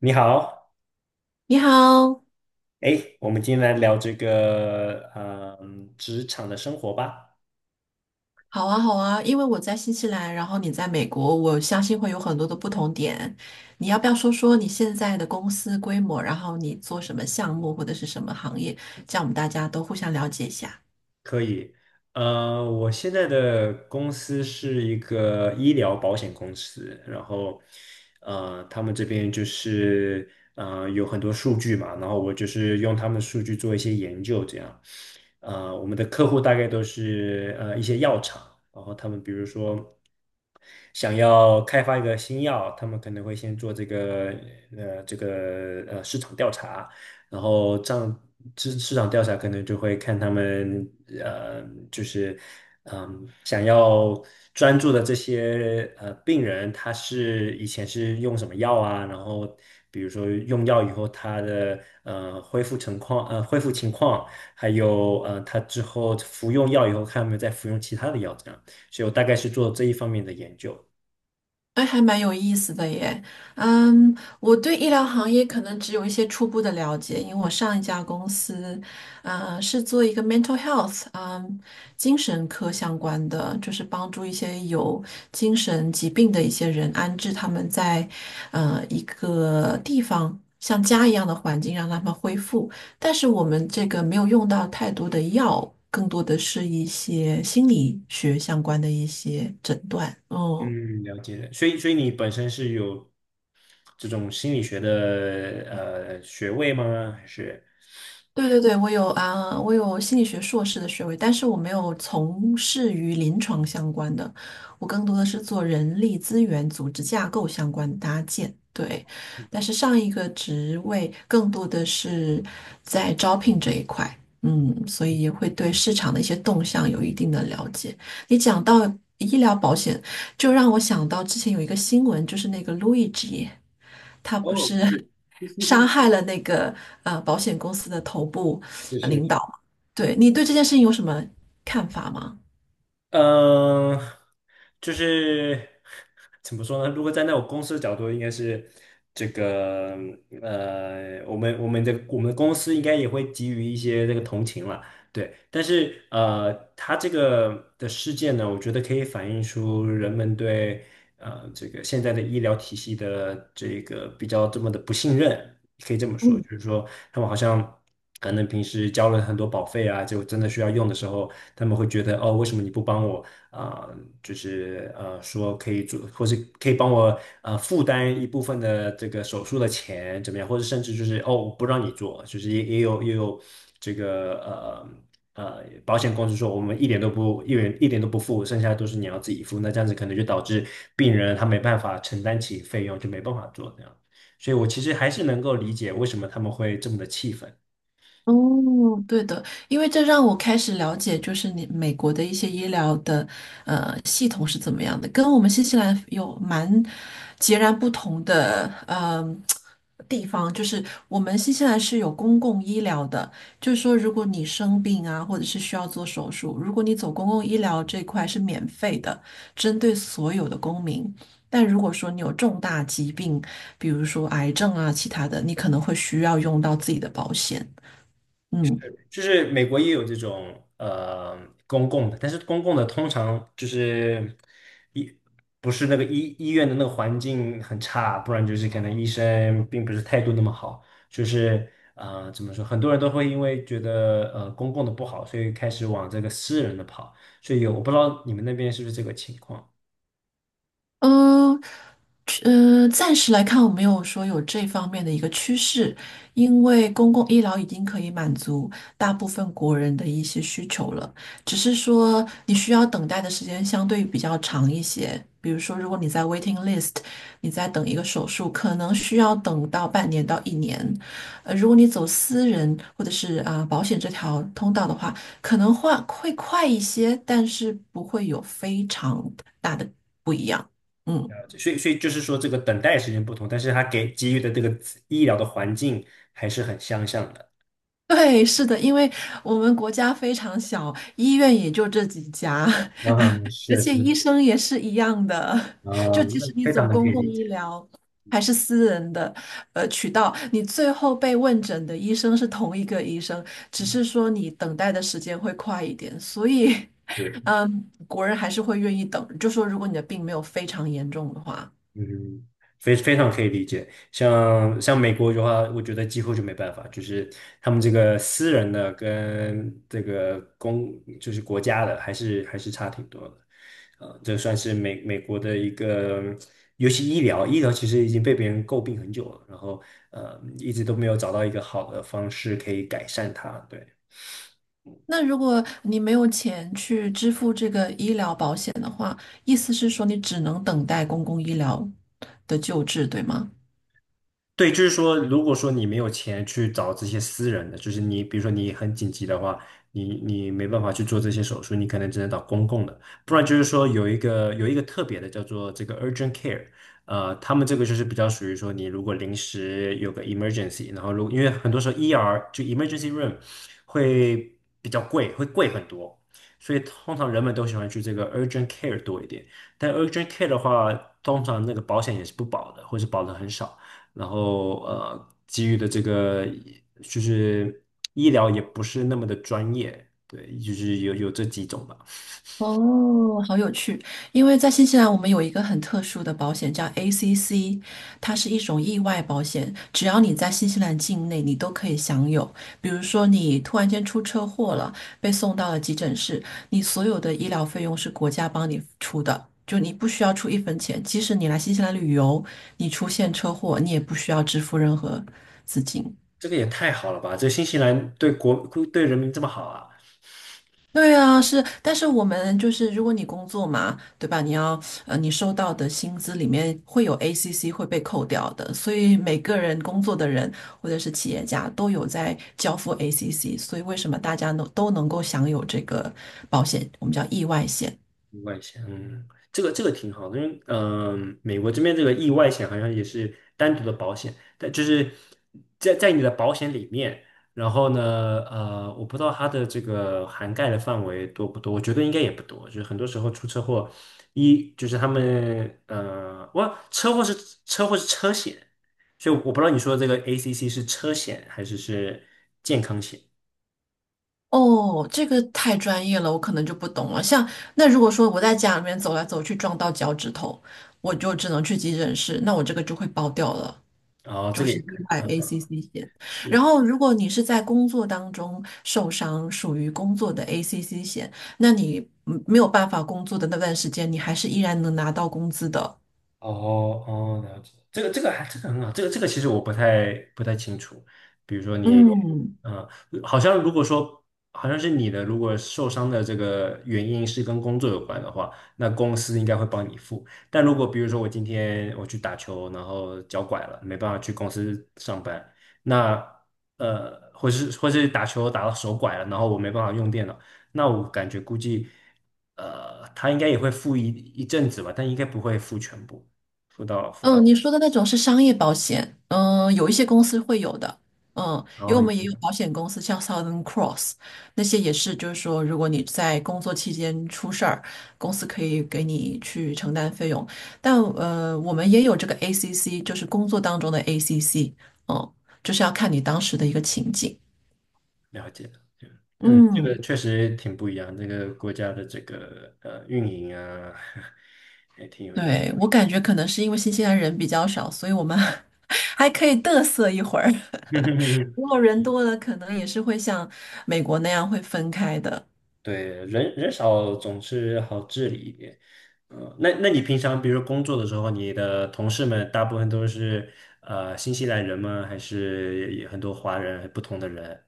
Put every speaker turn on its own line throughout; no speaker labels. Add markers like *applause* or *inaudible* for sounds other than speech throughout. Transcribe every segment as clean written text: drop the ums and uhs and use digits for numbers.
你好，
你好。
哎，我们今天来聊这个，职场的生活吧，
好啊，好啊，因为我在新西兰，然后你在美国，我相信会有很多的不同点。你要不要说说你现在的公司规模，然后你做什么项目或者是什么行业，这样我们大家都互相了解一下。
可以。我现在的公司是一个医疗保险公司，然后，他们这边就是，有很多数据嘛，然后我就是用他们数据做一些研究，这样。我们的客户大概都是一些药厂，然后他们比如说，想要开发一个新药，他们可能会先做这个市场调查，然后这样市场调查可能就会看他们呃就是想要专注的这些病人，他是以前是用什么药啊，然后。比如说用药以后，他的恢复情况，还有他之后服用药以后，看有没有再服用其他的药，这样。所以我大概是做这一方面的研究。
哎，还蛮有意思的耶。嗯，我对医疗行业可能只有一些初步的了解，因为我上一家公司，是做一个 mental health，嗯，精神科相关的，就是帮助一些有精神疾病的一些人安置他们在，一个地方。像家一样的环境让他们恢复，但是我们这个没有用到太多的药，更多的是一些心理学相关的一些诊断。嗯。
嗯，了解了。所以你本身是有这种心理学的学位吗？还是？
对对对，我有啊，我有心理学硕士的学位，但是我没有从事于临床相关的，我更多的是做人力资源、组织架构相关的搭建。对，但是上一个职位更多的是在招聘这一块，嗯，所以会对市场的一些动向有一定的了解。你讲到医疗保险，就让我想到之前有一个新闻，就是那个路易吉。他不
哦，
是 *laughs* 杀害了那个保险公司的头部
是是，
领导嘛？对你对这件事情有什么看法吗？
嗯，就是怎么说呢？如果站在我公司的角度，应该是这个我们的公司应该也会给予一些这个同情了，对。但是他这个的事件呢，我觉得可以反映出人们对这个现在的医疗体系的这个比较这么的不信任，可以这么说，
嗯。
就是说他们好像可能平时交了很多保费啊，就真的需要用的时候。他们会觉得哦，为什么你不帮我啊、就是说可以做，或是可以帮我负担一部分的这个手术的钱怎么样？或者甚至就是哦，我不让你做，就是也有这个保险公司说我们一元一点都不付，剩下都是你要自己付。那这样子可能就导致病人他没办法承担起费用，就没办法做这样。所以我其实还是能够理解为什么他们会这么的气愤。
哦，对的，因为这让我开始了解，就是你美国的一些医疗的系统是怎么样的，跟我们新西兰有蛮截然不同的地方，就是我们新西兰是有公共医疗的，就是说如果你生病啊，或者是需要做手术，如果你走公共医疗这块是免费的，针对所有的公民。但如果说你有重大疾病，比如说癌症啊，其他的，你可能会需要用到自己的保险。嗯
就是美国也有这种公共的，但是公共的通常就是医不是那个医院的那个环境很差，不然就是可能医生并不是态度那么好，就是怎么说，很多人都会因为觉得公共的不好，所以开始往这个私人的跑，所以我不知道你们那边是不是这个情况。
嗯。暂时来看，我没有说有这方面的一个趋势，因为公共医疗已经可以满足大部分国人的一些需求了，只是说你需要等待的时间相对比较长一些。比如说，如果你在 waiting list，你在等一个手术，可能需要等到半年到一年。如果你走私人或者是啊、保险这条通道的话，可能会快一些，但是不会有非常大的不一样。嗯。
了解，所以就是说，这个等待时间不同，但是他给予的这个医疗的环境还是很相像的。
对，是的，因为我们国家非常小，医院也就这几家，
嗯，
*laughs* 而
是
且
是，
医生也是一样的。
啊，
就即
那
使你
非
走
常的可
公
以
共
理解，
医疗还是私人的渠道，你最后被问诊的医生是同一个医生，只是说你等待的时间会快一点。所以，*laughs*
对，
国人还是会愿意等，就说如果你的病没有非常严重的话。
嗯，非常可以理解。像美国的话，我觉得几乎就没办法，就是他们这个私人的跟这个就是国家的，还是差挺多的。这算是美国的一个，尤其医疗，医疗其实已经被别人诟病很久了，然后一直都没有找到一个好的方式可以改善它，对。
那如果你没有钱去支付这个医疗保险的话，意思是说你只能等待公共医疗的救治，对吗？
对，就是说，如果说你没有钱去找这些私人的，就是你，比如说你很紧急的话，你没办法去做这些手术，你可能只能找公共的，不然就是说有一个特别的叫做这个 urgent care，他们这个就是比较属于说你如果临时有个 emergency，然后因为很多时候 ER 就 emergency room 会比较贵，会贵很多，所以通常人们都喜欢去这个 urgent care 多一点，但 urgent care 的话，通常那个保险也是不保的，或是保的很少。然后给予的这个就是医疗也不是那么的专业，对，就是有这几种吧。
哦，好有趣！因为在新西兰，我们有一个很特殊的保险叫 ACC，它是一种意外保险，只要你在新西兰境内，你都可以享有。比如说，你突然间出车祸了，被送到了急诊室，你所有的医疗费用是国家帮你出的，就你不需要出一分钱。即使你来新西兰旅游，你出现车祸，你也不需要支付任何资金。
这个也太好了吧！这新西兰对人民这么好啊！
对啊，是，但是我们就是，如果你工作嘛，对吧？你要，你收到的薪资里面会有 ACC 会被扣掉的，所以每个人工作的人或者是企业家都有在交付 ACC，所以为什么大家能都能够享有这个保险，我们叫意外险。
意外险，这个挺好的，因为美国这边这个意外险好像也是单独的保险，但就是在你的保险里面，然后呢，我不知道它的这个涵盖的范围多不多，我觉得应该也不多，就是很多时候出车祸，就是他们我车祸是车险，所以我不知道你说的这个 ACC 是车险还是健康险，
哦，这个太专业了，我可能就不懂了。像那如果说我在家里面走来走去撞到脚趾头，我就只能去急诊室，那我这个就会包掉了。
然后这
就
个
是
也
意
可以，
外
嗯，
ACC 险。然
是。
后，如果你是在工作当中受伤，属于工作的 ACC 险，那你没有办法工作的那段时间，你还是依然能拿到工资的。
哦哦，了解，这个还这个很好，这个其实我不太清楚。比如说你，
嗯，
嗯、好像如果说好像是你的，如果受伤的这个原因是跟工作有关的话，那公司应该会帮你付。但如果比如说我今天我去打球，然后脚拐了，没办法去公司上班，那，或是打球打到手拐了，然后我没办法用电脑，那我感觉估计他应该也会付一阵子吧，但应该不会付全部。辅导辅导，
嗯。你说的那种是商业保险，嗯，有一些公司会有的，嗯，
然
因为我
后也
们也
是
有保险公司，像 Southern Cross 那些也是，就是说，如果你在工作期间出事儿，公司可以给你去承担费用。但我们也有这个 ACC，就是工作当中的 ACC，嗯，就是要看你当时的一个情景。
了解，对，嗯，这
嗯，
个确实挺不一样，这个国家的这个运营啊，*laughs* 也挺有意思。
对，我感觉可能是因为新西兰人比较少，所以我们 *laughs* 还可以嘚瑟一会儿。如
*laughs*
果人多了，可能也是会像美国那样会分开的。
对，人少总是好治理一点。那你平常比如工作的时候，你的同事们大部分都是新西兰人吗？还是也很多华人不同的人？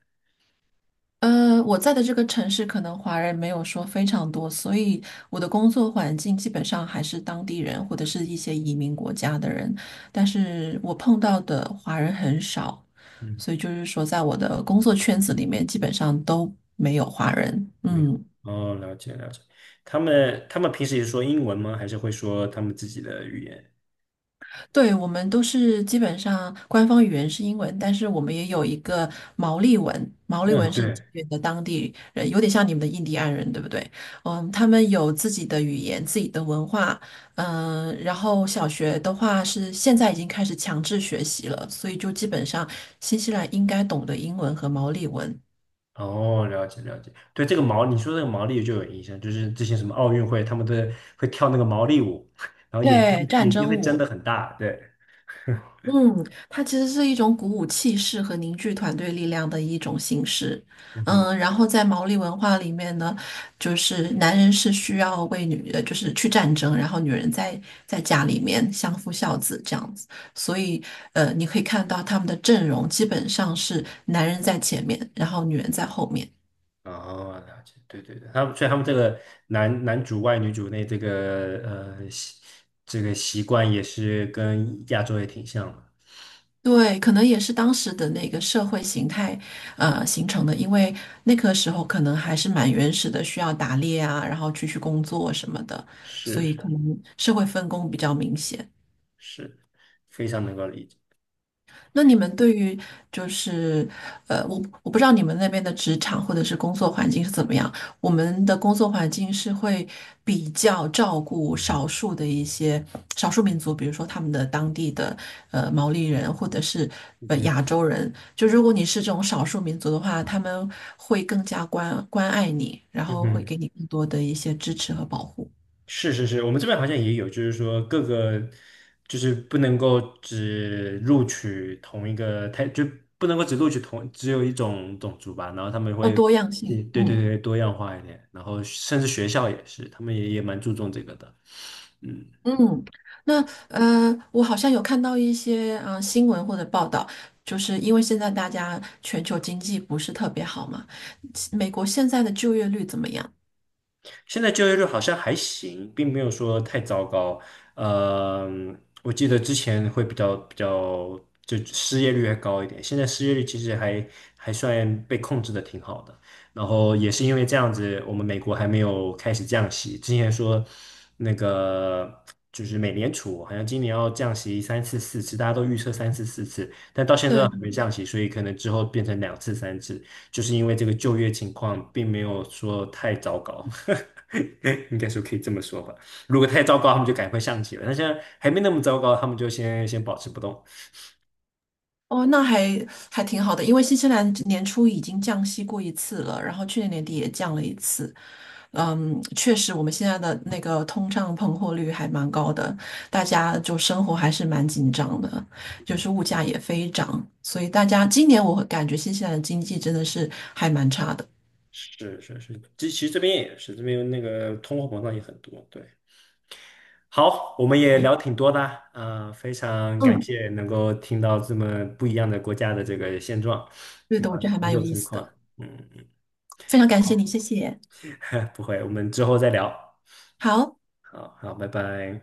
我在的这个城市可能华人没有说非常多，所以我的工作环境基本上还是当地人或者是一些移民国家的人，但是我碰到的华人很少，
嗯，
所以就是说在我的工作圈子里面基本上都没有华人。
没有。
嗯。
哦，了解了解。他们平时也说英文吗？还是会说他们自己的语言？
对，我们都是基本上官方语言是英文，但是我们也有一个毛利文，毛利文
嗯，
是
对。
这边的当地人，有点像你们的印第安人，对不对？嗯，他们有自己的语言、自己的文化，嗯，然后小学的话是现在已经开始强制学习了，所以就基本上新西兰应该懂得英文和毛利文。
哦，了解了解，对这个毛，你说这个毛利就有影响，就是之前什么奥运会，他们都会跳那个毛利舞，*laughs* 然后眼睛
对，战
眼睛
争
会睁得
舞，
很大，对，*laughs*
嗯，它其实是一种鼓舞气势和凝聚团队力量的一种形式。
嗯哼，
嗯，然后在毛利文化里面呢，就是男人是需要为女，就是去战争，然后女人在家里面相夫教子这样子。所以，你可以看到他们的阵容基本上是男人在前面，然后女人在后面。
哦，了解，对对对，所以他们这个男主外女主内这个呃习这个习惯也是跟亚洲也挺像的，
对，可能也是当时的那个社会形态，形成的。因为那个时候可能还是蛮原始的，需要打猎啊，然后出去工作什么的，所
是
以可
是
能社会分工比较明显。
是，非常能够理解，
那你们对于就是我不知道你们那边的职场或者是工作环境是怎么样。我们的工作环境是会比较照顾少数的一些少数民族，比如说他们的当地的毛利人或者是
嗯哼
亚洲人。就如果你是这种少数民族的话，他们会更加关爱你，然
嗯
后会
哼。
给你更多的一些支持和保护，
是是是，我们这边好像也有，就是说就是不能够只录取同一个，太，就不能够只录取同只有一种种族吧，然后他们
要
会，
多样
对
性。
对
嗯。
对，多样化一点，然后甚至学校也是，他们也蛮注重这个的，嗯。
嗯，那我好像有看到一些新闻或者报道，就是因为现在大家全球经济不是特别好嘛，美国现在的就业率怎么样？
现在就业率好像还行，并没有说太糟糕。呃，我记得之前会比较，就失业率还高一点，现在失业率其实还算被控制的挺好的。然后也是因为这样子，我们美国还没有开始降息。之前说那个就是美联储好像今年要降息三次四次，大家都预测三次四次，但到现在都
对，
还没降息，所以可能之后变成2次3次。就是因为这个就业情况并没有说太糟糕，*laughs* 应该说可以这么说吧。如果太糟糕，他们就赶快上去了。那现在还没那么糟糕，他们就先保持不动。
哦，那还挺好的，因为新西兰年初已经降息过一次了，然后去年年底也降了一次，嗯，确实，我们现在的那个通胀膨货率还蛮高的，大家就生活还是蛮紧张的，就是物价也飞涨，所以大家今年我会感觉新西兰的经济真的是还蛮差的。
是是是，这其实这边也是，这边那个通货膨胀也很多。对，好，我们也
对，
聊挺多的啊，非常感
嗯，
谢能够听到这么不一样的国家的这个现状，
对
挺
的，我
好
觉
的
得还
工
蛮
作
有意
情
思的，
况。嗯，
非常
*laughs*
感谢
好，
你，谢谢。
不会，我们之后再聊。
好。
好好，拜拜。